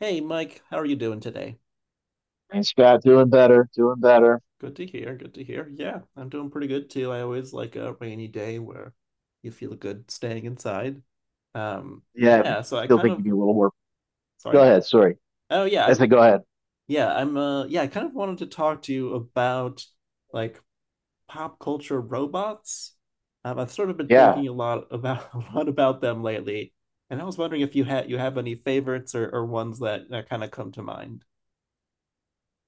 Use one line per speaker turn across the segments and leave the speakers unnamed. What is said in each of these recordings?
Hey Mike, how are you doing today?
Thanks, Scott. Doing better. Doing better.
Good to hear. Good to hear. Yeah, I'm doing pretty good too. I always like a rainy day where you feel good staying inside. Um,
Yeah,
yeah, so I
still
kind
think you'd
of
a little more. Go
sorry.
ahead. Sorry.
Oh yeah,
That's
I'm
it. Go ahead.
yeah, I kind of wanted to talk to you about like pop culture robots. I've sort of been
Yeah.
thinking a lot about a lot about them lately, and I was wondering if you have any favorites or ones that kind of come to mind.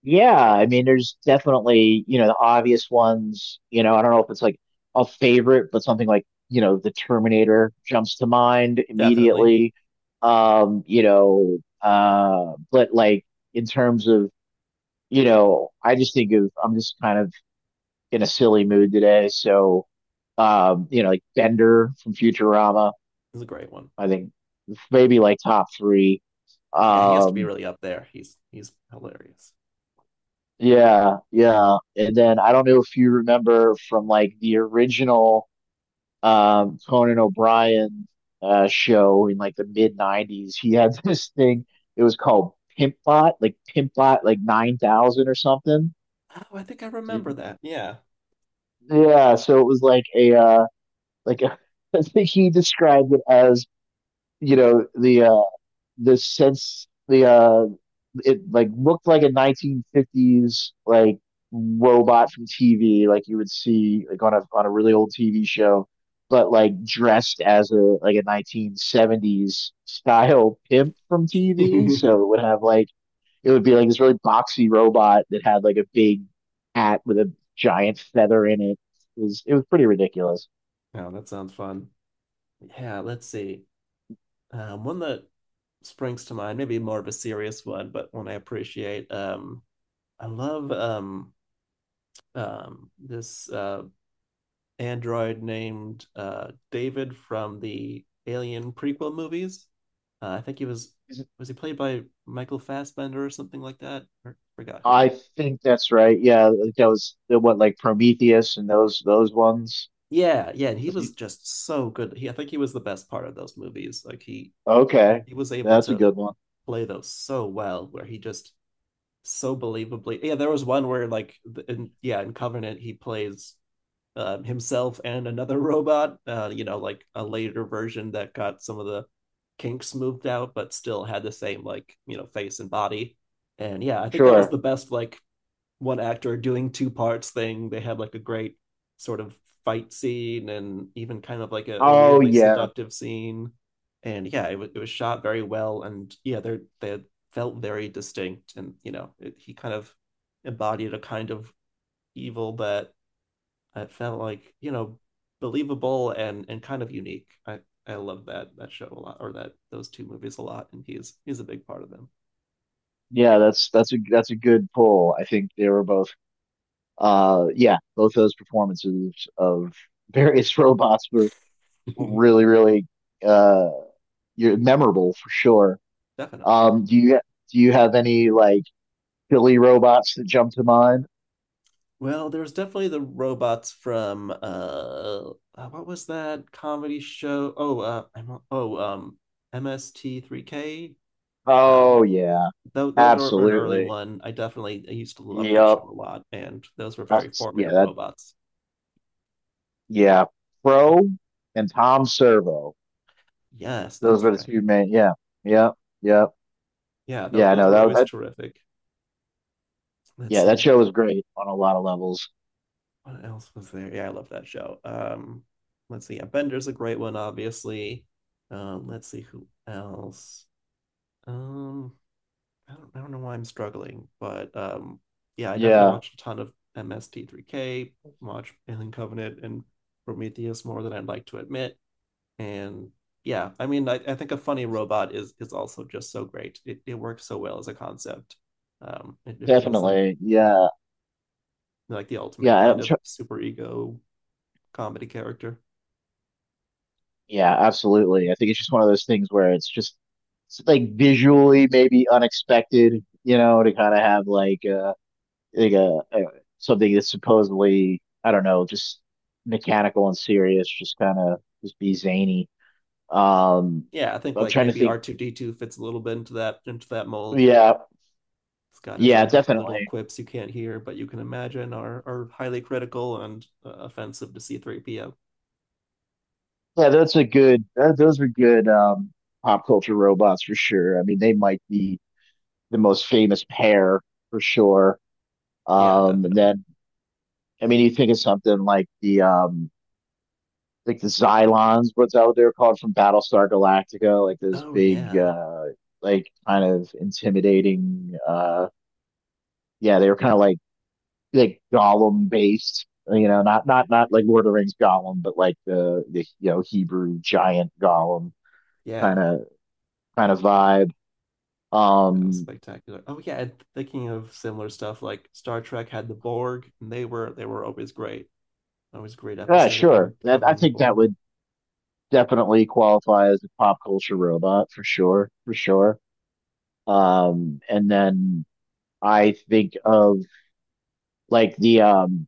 Yeah, I mean, there's definitely, the obvious ones, I don't know if it's like a favorite, but something like, the Terminator jumps to mind
Definitely.
immediately. But like in terms of, I just think of, I'm just kind of in a silly mood today. So, like Bender from Futurama,
It's a great one.
I think maybe like top three.
Yeah, he has to be
Um,
really up there. He's hilarious.
yeah, yeah. And then I don't know if you remember from like the original Conan O'Brien show in like the mid 90s, he had this thing. It was called Pimpbot like 9,000 or something.
Oh, I think I remember that. Yeah.
Yeah, so it was like a, I think he described it as, you know, the uh the sense the it like looked like a 1950s like robot from TV, like you would see like on a really old TV show, but like dressed as a like a 1970s style pimp from TV. So it would have like it would be like this really boxy robot that had like a big hat with a giant feather in it. It was pretty ridiculous.
Oh, that sounds fun. Yeah, let's see. One that springs to mind, maybe more of a serious one, but one I appreciate. I love this android named David from the Alien prequel movies. I think he was he played by Michael Fassbender or something like that? Or forgot who.
I think that's right. Yeah, what like Prometheus and those ones.
Yeah, yeah, and he was just so good. I think he was the best part of those movies. Like he
Okay.
he was able
That's a
to
good one.
play those so well, where he just so believably. Yeah, there was one where in Covenant he plays himself and another robot. You know, like a later version that got some of the kinks moved out, but still had the same like you know face and body. And yeah, I think that was
Sure.
the best like one actor doing two parts thing. They had like a great sort of fight scene and even kind of like a
Oh
weirdly
yeah.
seductive scene. And yeah, it was shot very well, and yeah, they felt very distinct, and you know, it, he kind of embodied a kind of evil that I felt like you know believable and kind of unique. I love that show a lot, or that those two movies a lot, and he's a big part of
Yeah, that's a good pull. I think they were both yeah, both those performances of various robots were
them,
really, really uh you're memorable for sure.
definitely.
Um do you do you have any like silly robots that jump to mind?
Well, there was definitely the robots from what was that comedy show? Oh, I'm oh MST3K. Um,
Oh yeah.
tho those are were an early
Absolutely.
one. I used to love that show
Yep.
a lot, and those were very
That's yeah,
formative
that
robots.
yeah.
Oh,
Pro and Tom Servo.
yes,
Those
that's
were the
right.
two main. Yeah, yeah, yeah,
Yeah, those
yeah.
those
No,
were
that
always
that
terrific. Let's
yeah,
see
that show was great on a lot of levels.
what else was there. Yeah, I love that show. Let's see. Yeah, Bender's a great one, obviously. Let's see who else. Um. I don't know why I'm struggling, but yeah, I definitely
Yeah,
watched a ton of MST3K, watched Alien Covenant and Prometheus more than I'd like to admit. And yeah, I mean, I think a funny robot is also just so great. It works so well as a concept. It feels
definitely. Yeah,
like the ultimate
yeah.
kind
I'm
of
sure,
super ego comedy character.
yeah, absolutely. I think it's just one of those things where it's like visually maybe unexpected, you know, to kind of have like a something that's supposedly I don't know, just mechanical and serious, just kind of just be zany. Um,
Yeah, I think
I'm
like
trying to
maybe
think.
R2D2 fits a little bit into that mold.
Yeah,
It's got his
yeah,
own little
definitely.
quips you can't hear, but you can imagine are highly critical and offensive to C3PO.
Yeah, that's a good, that, those are good pop culture robots for sure. I mean, they might be the most famous pair for sure.
Yeah,
And
definitely.
then, I mean, you think of something like the Xylons, what's that what they're called from Battlestar Galactica, like those
Oh
big,
yeah.
like kind of intimidating, yeah, they were kind of like Gollum based, you know, not like Lord of the Rings Gollum, but like the, you know, Hebrew giant Gollum kind
Yeah.
of, kind of vibe.
That was
Um,
spectacular. Oh yeah, and thinking of similar stuff like Star Trek had the Borg, and they were always great. Always a great
yeah,
episode if they
sure.
were
That I
covering the
think that
Borg.
would definitely qualify as a pop culture robot for sure, for sure. And then I think of like the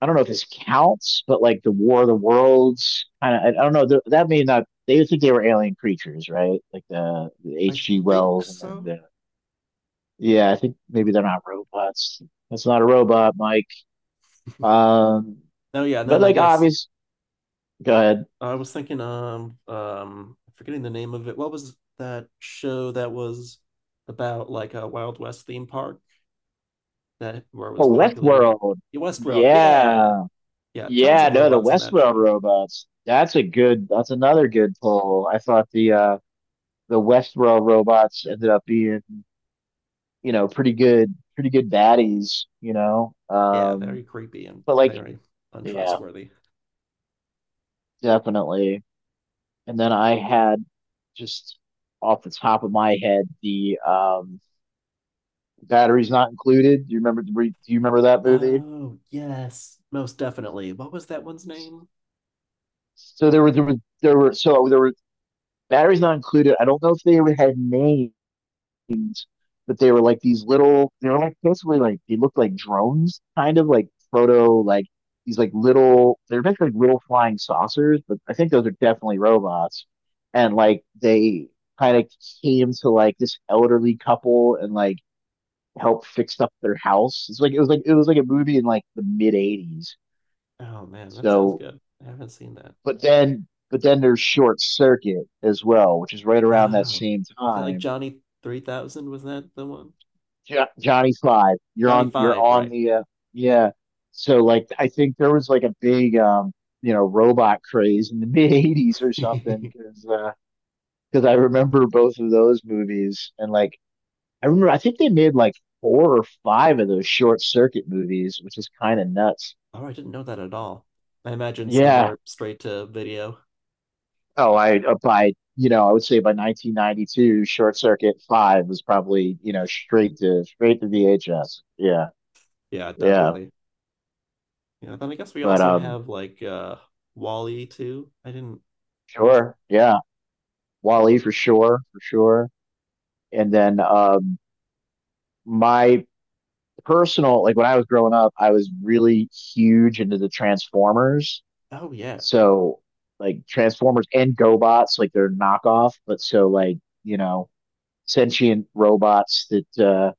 I don't know if this counts, but like the War of the Worlds kind of. I don't know. That may not. They would think they were alien creatures, right? Like the
I
H.G.
think
Wells, and then
so.
the yeah. I think maybe they're not robots. That's not a robot, Mike. Um,
Oh yeah, and
but
then I
like
guess
obvious. Go ahead.
I was thinking forgetting the name of it. What was that show that was about like a Wild West theme park? That where it was
Oh,
populated with
Westworld.
Westworld. Yeah,
Yeah.
yeah, tons
Yeah,
of
no, the
robots on that
Westworld
show.
robots. That's another good pull. I thought the Westworld robots ended up being, pretty good baddies.
Yeah, very creepy and
But like
very
yeah,
untrustworthy.
definitely. And then I had just off the top of my head the batteries not included. Do you remember that movie?
Oh, yes, most definitely. What was that one's name?
So there were Barry's not included. I don't know if they had names, but they were like these little. They were like basically like they looked like drones, kind of like proto like these like little. They're basically like little flying saucers, but I think those are definitely robots. And like they kind of came to like this elderly couple and like helped fix up their house. It was like a movie in like the mid '80s.
Oh man, that sounds
So,
good. I haven't seen that.
but then there's Short Circuit as well, which is right around that
Oh,
same
is that like
time
Johnny 3000? Was that the one?
Johnny Five. You're
Johnny
on. You're
5,
on
right?
the. Yeah. So like, I think there was like a big, robot craze in the mid '80s or something, because I remember both of those movies, and like, I remember I think they made like four or five of those short circuit movies, which is kind of nuts.
Oh, I didn't know that at all. I imagine
Yeah.
somewhere straight to video.
Oh, I by I would say by 1992, Short Circuit Five was probably straight to VHS. Yeah,
Yeah,
yeah.
definitely. Yeah, then I guess we
But
also have like Wall-E too. I didn't I was
sure, yeah.
yeah.
Wally for sure, for sure. And then my personal like when I was growing up, I was really huge into the Transformers.
Oh yeah.
So like Transformers and GoBots, like they're knockoff, but so like, you know, sentient robots that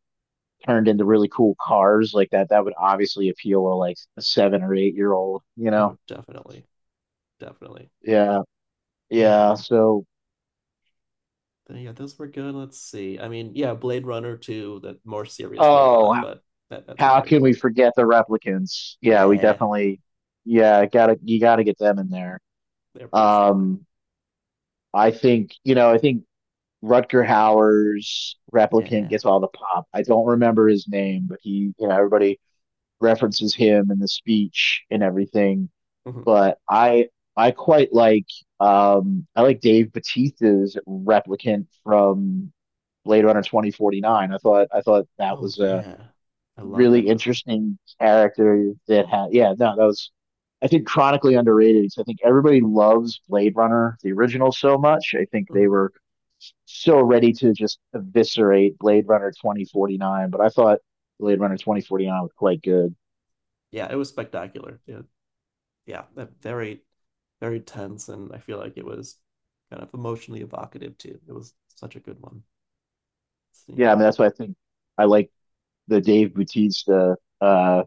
turned into really cool cars like that, that would obviously appeal to like a 7 or 8 year old, you know?
Oh, definitely. Definitely.
Yeah.
Yeah.
Yeah. So,
But yeah, those were good. Let's see. I mean, yeah, Blade Runner 2, that more serious robot,
oh,
but that's a
how
great
can
one.
we forget the replicants? Yeah, we
Yeah,
definitely, yeah, gotta you gotta get them in there.
they're pretty stellar.
Um, I think I think Rutger Hauer's replicant
Yeah.
gets all the pop. I don't remember his name, but he, everybody references him in the speech and everything.
Mhm.
But I quite like, I like Dave Bautista's replicant from Blade Runner 2049. I thought that
Oh
was a
yeah. I love that
really
movie.
interesting character that had. Yeah, no, that was. I think chronically underrated because I think everybody loves Blade Runner, the original, so much. I think they
Mhm.
were so ready to just eviscerate Blade Runner 2049, but I thought Blade Runner 2049 was quite good.
Yeah, it was spectacular. Yeah, yeah, very, very tense, and I feel like it was kind of emotionally evocative too. It was such a good one. Let's
Yeah, I
see,
mean that's why I think I like the Dave Bautista.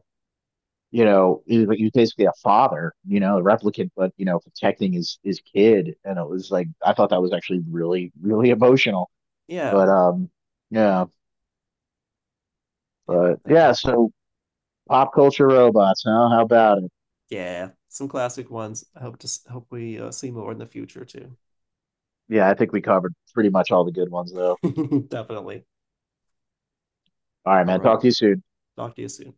he was basically a father, a replicant, but protecting his kid, and it was like I thought that was actually really really emotional.
yeah,
But yeah,
yeah, I
but
love that
yeah.
one.
So pop culture robots, huh? How about it?
Yeah, some classic ones. I hope to hope we see more in the future too.
Yeah, I think we covered pretty much all the good ones, though.
Definitely.
All right,
All
man.
right.
Talk to you soon.
Talk to you soon.